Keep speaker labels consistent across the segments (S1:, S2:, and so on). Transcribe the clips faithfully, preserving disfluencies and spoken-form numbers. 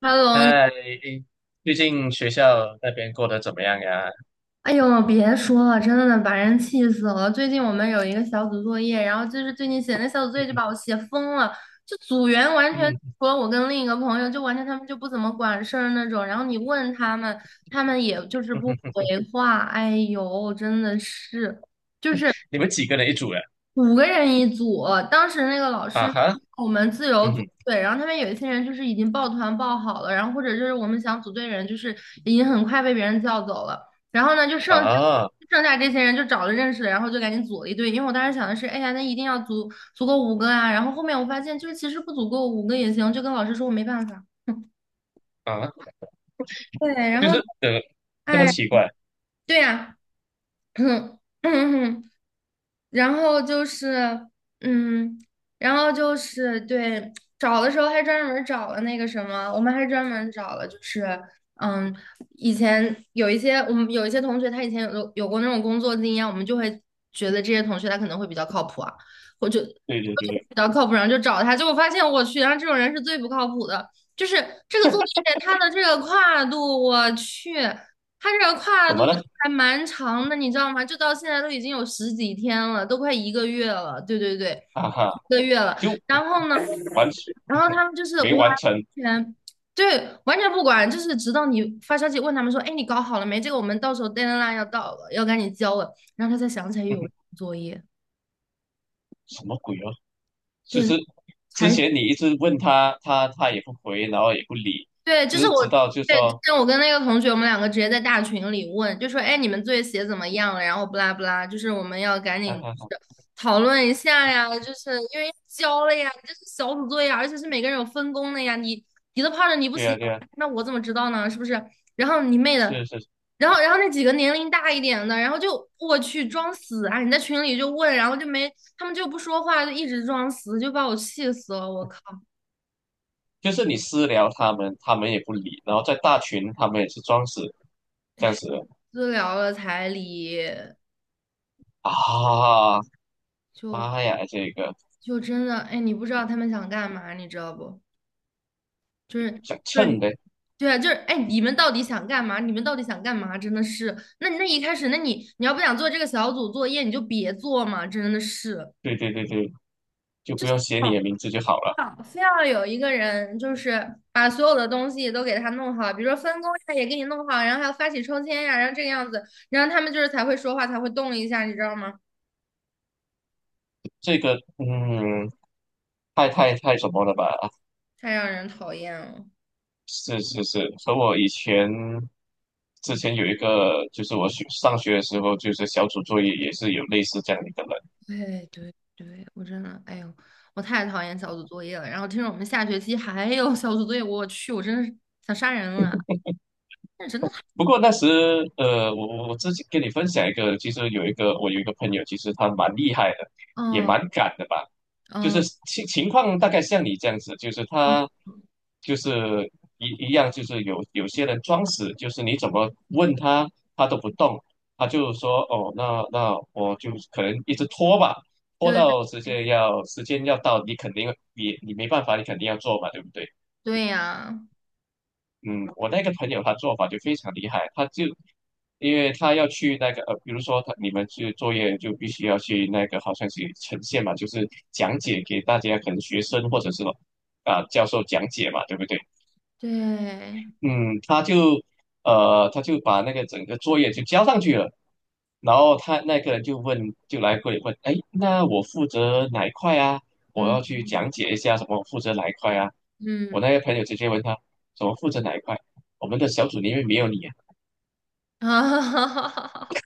S1: h e
S2: 哎，最近学校那边过得怎么样呀？
S1: 哎呦，别说了，真的把人气死了。最近我们有一个小组作业，然后就是最近写那小组作
S2: 嗯
S1: 业就
S2: 哼。
S1: 把我写疯了，就组员完全
S2: 嗯哼。
S1: 除了我跟另一个朋友，就完全他们就不怎么管事儿那种。然后你问他们，他们也就是
S2: 嗯
S1: 不回
S2: 哼，
S1: 话。哎呦，真的是。
S2: 你们几个人一组呀？
S1: 五个人一组，当时那个老
S2: 啊
S1: 师
S2: 哈。
S1: 我们自由
S2: 嗯
S1: 组
S2: 哼。
S1: 队，然后他们有一些人就是已经抱团抱好了，然后或者就是我们想组队的人就是已经很快被别人叫走了，然后呢就剩下
S2: 啊
S1: 剩下这些人就找了认识的，然后就赶紧组了一队，因为我当时想的是，哎呀，那一定要组足够五个啊，然后后面我发现就是其实不足够五个也行，就跟老师说我没办法，
S2: 啊，
S1: 对，然
S2: 就
S1: 后
S2: 是呃，这么
S1: 哎，
S2: 奇怪？
S1: 对呀。然后就是，嗯，然后就是对，找的时候还专门儿找了那个什么，我们还专门儿找了，就是，嗯，以前有一些我们有一些同学，他以前有有过那种工作经验，我们就会觉得这些同学他可能会比较靠谱啊，或者
S2: 对对对对。
S1: 比较靠谱，然后就找他，结果发现我去，然后这种人是最不靠谱的，就是这个作业他的这个跨度，我去。他这个跨
S2: 怎
S1: 度
S2: 么了？
S1: 还蛮长的，你知道吗？就到现在都已经有十几天了，都快一个月了。对对对，
S2: 啊哈，
S1: 一个月了。
S2: 就
S1: 然后呢，
S2: 完，嗯
S1: 然后
S2: 哼，
S1: 他们就是完
S2: 没完成。
S1: 全对，完全不管，就是直到你发消息问他们说："哎，你搞好了没？这个我们到时候 deadline 要到了，要赶紧交了。"然后他才想起来
S2: 嗯哼。
S1: 有作业，
S2: 什么鬼哦？就
S1: 对，
S2: 是之
S1: 才。
S2: 前你一直问他，他他也不回，然后也不理，
S1: 对，就是
S2: 直
S1: 我，
S2: 直到就
S1: 对，之
S2: 说，
S1: 前我跟那个同学，我们两个直接在大群里问，就说，哎，你们作业写怎么样了？然后不拉不拉，就是我们要赶紧
S2: 啊哈
S1: 就
S2: 哈。
S1: 是讨论一下呀，就是因为交了呀，这是小组作业啊，而且是每个人有分工的呀，你你都泡着你不
S2: 对呀
S1: 写，
S2: 对呀，
S1: 那我怎么知道呢？是不是？然后你妹的，
S2: 是是。
S1: 然后然后那几个年龄大一点的，然后就我去装死啊！你在群里就问，然后就没，他们就不说话，就一直装死，就把我气死了，我靠，
S2: 就是你私聊他们，他们也不理，然后在大群他们也是装死这样子的
S1: 私聊了彩礼
S2: 啊。
S1: 就。
S2: 妈呀，这个
S1: 就真的，哎，你不知道他们想干嘛，你知道不？就是
S2: 想
S1: 就是
S2: 蹭的。
S1: 对啊，就是哎，你们到底想干嘛？你们到底想干嘛？真的是，那那一开始，那你你要不想做这个小组作业，你就别做嘛，真的是。
S2: 对对对对，就不用写你
S1: 嗯，
S2: 的名字就好了。
S1: 好非要有一个人，就是把所有的东西都给他弄好，比如说分工呀也给你弄好，然后还要发起抽签呀，然后这个样子，然后他们就是才会说话，才会动一下，你知道吗？
S2: 这个嗯，太太太什么了吧？
S1: 太让人讨厌了。
S2: 是是是，和我以前之前有一个，就是我学上学的时候，就是小组作业也是有类似这样的一个人。
S1: 对对对，我真的，哎呦，我太讨厌小组作业了。然后听说我们下学期还有小组作业，我去，我真是想杀人了。那真的太……
S2: 不过那时，呃，我我我自己跟你分享一个，其实有一个我有一个朋友，其实他蛮厉害的，也
S1: 嗯
S2: 蛮敢的吧。就是
S1: 嗯，
S2: 情情况大概像你这样子，就是他
S1: 嗯
S2: 就是一一样，就是有有些人装死，就是你怎么问他，他都不动，他就说哦，那那我就可能一直拖吧，拖
S1: 对
S2: 到时间要时间要到，你肯定也你没办法，你肯定要做嘛，对不对？
S1: 对呀，
S2: 嗯，我那个朋友他做法就非常厉害，他就因为他要去那个呃，比如说他你们去作业就必须要去那个好像是呈现嘛，就是讲解给大家，可能学生或者是啊、教授讲解嘛，对不对？
S1: 对，
S2: 嗯，他就呃，他就把那个整个作业就交上去了，然后他那个人就问，就来过来问，哎，那我负责哪一块啊？我要
S1: 嗯
S2: 去讲解一下什么负责哪一块啊？我
S1: 嗯，
S2: 那个朋友直接问他，什么负责哪一块？我们的小组里面没有你啊。
S1: 啊，哈哈哈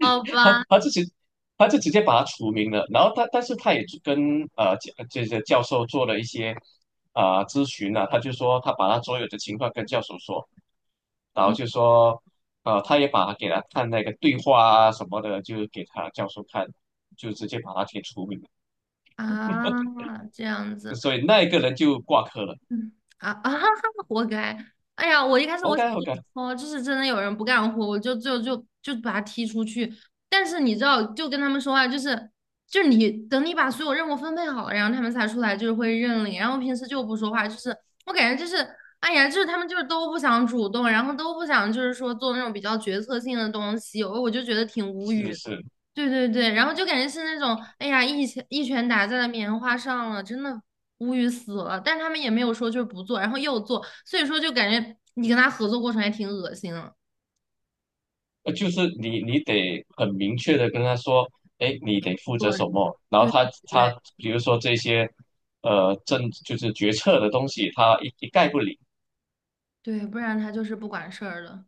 S1: 好
S2: 他
S1: 吧，
S2: 他就直他就直接把他除名了。然后他但是他也跟呃教这些教授做了一些啊、咨询啊，他就说他把他所有的情况跟教授说，然后
S1: 嗯
S2: 就说呃他也把他给他看那个对话啊什么的，就给他教授看，就直接把他给除名了。
S1: 啊，这样子。
S2: 所以那一个人就挂科了。
S1: 嗯啊啊，活该！哎呀，我一开始我
S2: OK
S1: 想跟你
S2: OK。
S1: 说，就是真的有人不干活，我就就就就把他踢出去。但是你知道，就跟他们说话，就是就是你等你把所有任务分配好了，然后他们才出来，就是会认领。然后平时就不说话，就是我感觉就是，哎呀，就是他们就是都不想主动，然后都不想就是说做那种比较决策性的东西，我我就觉得挺无
S2: 是
S1: 语。
S2: 是。
S1: 对对对，然后就感觉是那种，哎呀，一拳一拳打在了棉花上了，真的无语死了。但是他们也没有说就是不做，然后又做，所以说就感觉你跟他合作过程还挺恶心的。
S2: 呃，就是你你得很明确的跟他说，哎，你得负责
S1: 我
S2: 什么，然后
S1: 对
S2: 他
S1: 对
S2: 他比如说这些，呃，政就是决策的东西，他一一概不理。
S1: 对，不然他就是不管事儿的。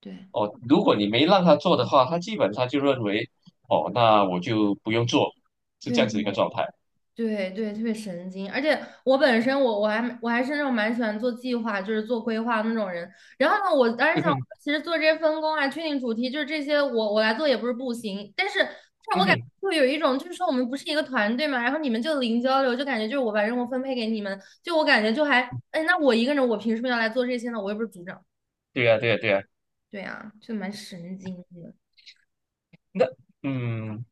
S1: 对
S2: 哦，如果你没让他做的话，他基本上就认为，哦，那我就不用做，是这
S1: 对
S2: 样子一个
S1: 对，
S2: 状态。
S1: 对对，特别神经，而且我本身我我还我还是那种蛮喜欢做计划，就是做规划的那种人。然后呢，我当时
S2: 嗯
S1: 想，
S2: 哼。
S1: 其实做这些分工啊、确定主题，就是这些我我来做也不是不行，但是但是
S2: 嗯
S1: 我感觉
S2: 哼。
S1: 就有一种，就是说我们不是一个团队嘛，然后你们就零交流，就感觉就是我把任务分配给你们，就我感觉就还，哎，那我一个人我凭什么要来做这些呢？我又不是组长，
S2: 对呀，对呀，对呀。
S1: 对啊，就蛮神经的，
S2: 那嗯，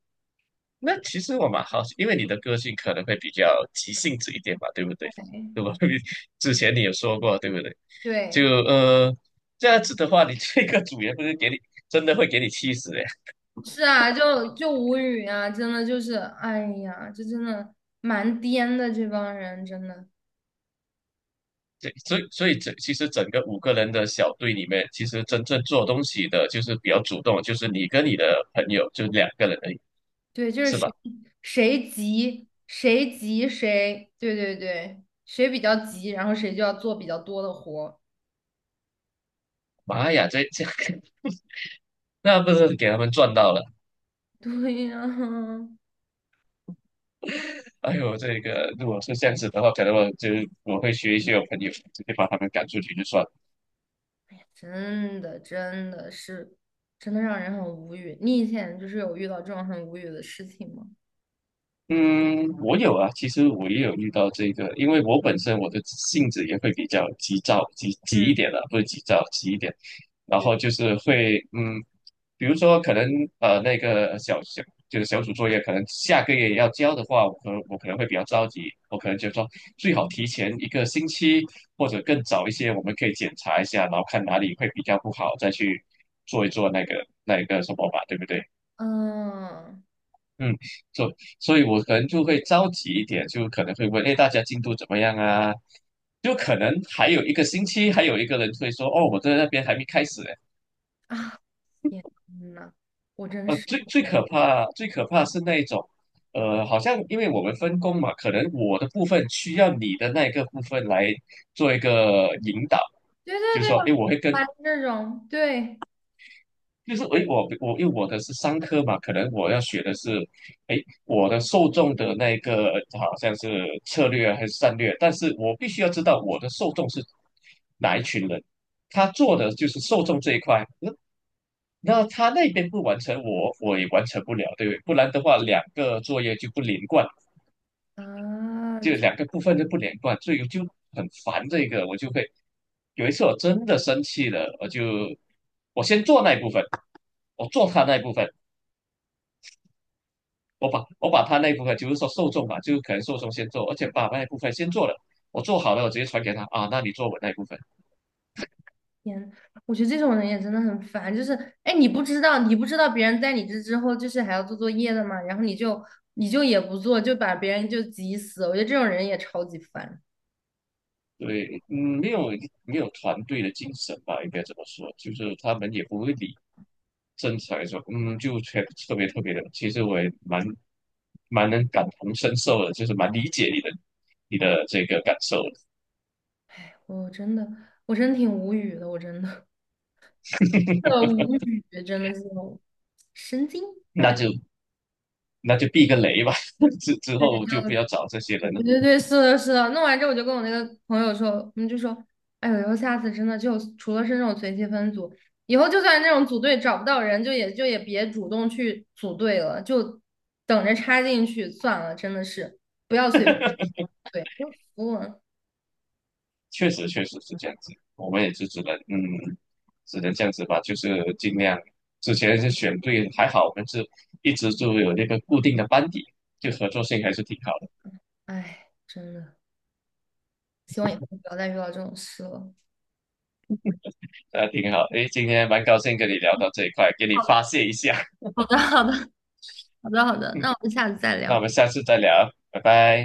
S2: 那其实我蛮好奇，因为你的个性可能会比较急性子一点吧，对不对？对吧？之前你有说过，对不对？就
S1: 对。
S2: 呃这样子的话，你这个组员不是给你真的会给你气死的。
S1: 是啊，就就无语啊，真的就是，哎呀，这真的蛮颠的，这帮人真的，
S2: 对，所以所以整其实整个五个人的小队里面，其实真正做东西的就是比较主动，就是你跟你的朋友就两个人而已，
S1: 对，就是
S2: 是吧？
S1: 谁谁急谁急谁，对对对，谁比较急，然后谁就要做比较多的活，
S2: 妈呀，这这个 那不是给他们赚到了？
S1: 对呀，
S2: 哎呦，这个如果是这样子的话，可能我就我会学一些我朋友，直接把他们赶出去就算了。
S1: 真的真的是，真的让人很无语。你以前就是有遇到这种很无语的事情吗？
S2: 嗯，我有啊，其实我也有遇到这个，因为我本身我的性子也会比较急躁，急急一
S1: 嗯，
S2: 点的，不是急躁，急一点，然
S1: 对，
S2: 后就是会，嗯，比如说可能呃那个小小就是小组作业，可能下个月要交的话，我可能我可能会比较着急，我可能就说最好提前一个星期或者更早一些，我们可以检查一下，然后看哪里会比较不好，再去做一做那个那个什么吧，对不对？
S1: 嗯
S2: 嗯，所所以，我可能就会着急一点，就可能会问，哎，大家进度怎么样啊？就可能还有一个星期，还有一个人会说，哦，我在那边还没开始呢。
S1: 啊，天呐，我真
S2: 呃，
S1: 是。
S2: 最最可怕，最可怕是那一种，呃，好像因为我们分工嘛，可能我的部分需要你的那个部分来做一个引导，
S1: 对对
S2: 就是
S1: 对，
S2: 说，
S1: 我
S2: 哎，我会跟
S1: 烦这种，对
S2: 就是诶，我我因为我的是商科嘛，可能我要学的是，诶，我的受众的那个好像是策略啊还是战略，但是我必须要知道我的受众是哪一群人，他做的就是受众这一块，那那他那边不完成我，我也完成不了，对不对？不然的话，两个作业就不连贯，
S1: 啊，
S2: 就两个部分就不连贯，所以我就很烦这个，我就会有一次我真的生气了，我就我先做那一部分，我做他那一部分。我把我把他那一部分，就是说受众嘛，就是可能受众先做，而且把那一部分先做了，我做好了，我直接传给他啊，那你做我那一部分。
S1: 天，我觉得这种人也真的很烦。就是，哎，你不知道，你不知道别人在你这之后，就是还要做作业的嘛，然后你就你就也不做，就把别人就急死。我觉得这种人也超级烦，
S2: 对，嗯，没有没有团队的精神吧，应该这么说，就是他们也不会理正常来说，嗯，就全特别特别的。其实我也蛮蛮能感同身受的，就是蛮理解你的你的这个感受的。
S1: 我真的，我真挺无语的，我真的，的无语，真的是那种神经。
S2: 那 就那就避个雷吧，之之
S1: 对。
S2: 后就不要找这些
S1: 我
S2: 人了。
S1: 觉得对，是的，是的。弄完之后，我就跟我那个朋友说，我们就说，哎呦，以后下次真的就除了是那种随机分组，以后就算那种组队找不到人，就也就也别主动去组队了，就等着插进去算了。真的是不要随便 对，就服了。
S2: 确实确实是这样子，我们也是只能嗯，只能这样子吧，就是尽量之前是选对，还好我们是一直就有那个固定的班底，就合作性还是挺好的，
S1: 哎，真的，希望以后不要再遇到这种事了。
S2: 那挺好。诶，今天蛮高兴跟你聊到这一块，给你发泄一下。
S1: 好的，好的，好的，好的，那我们下次再
S2: 那我
S1: 聊。
S2: 们下次再聊，拜拜。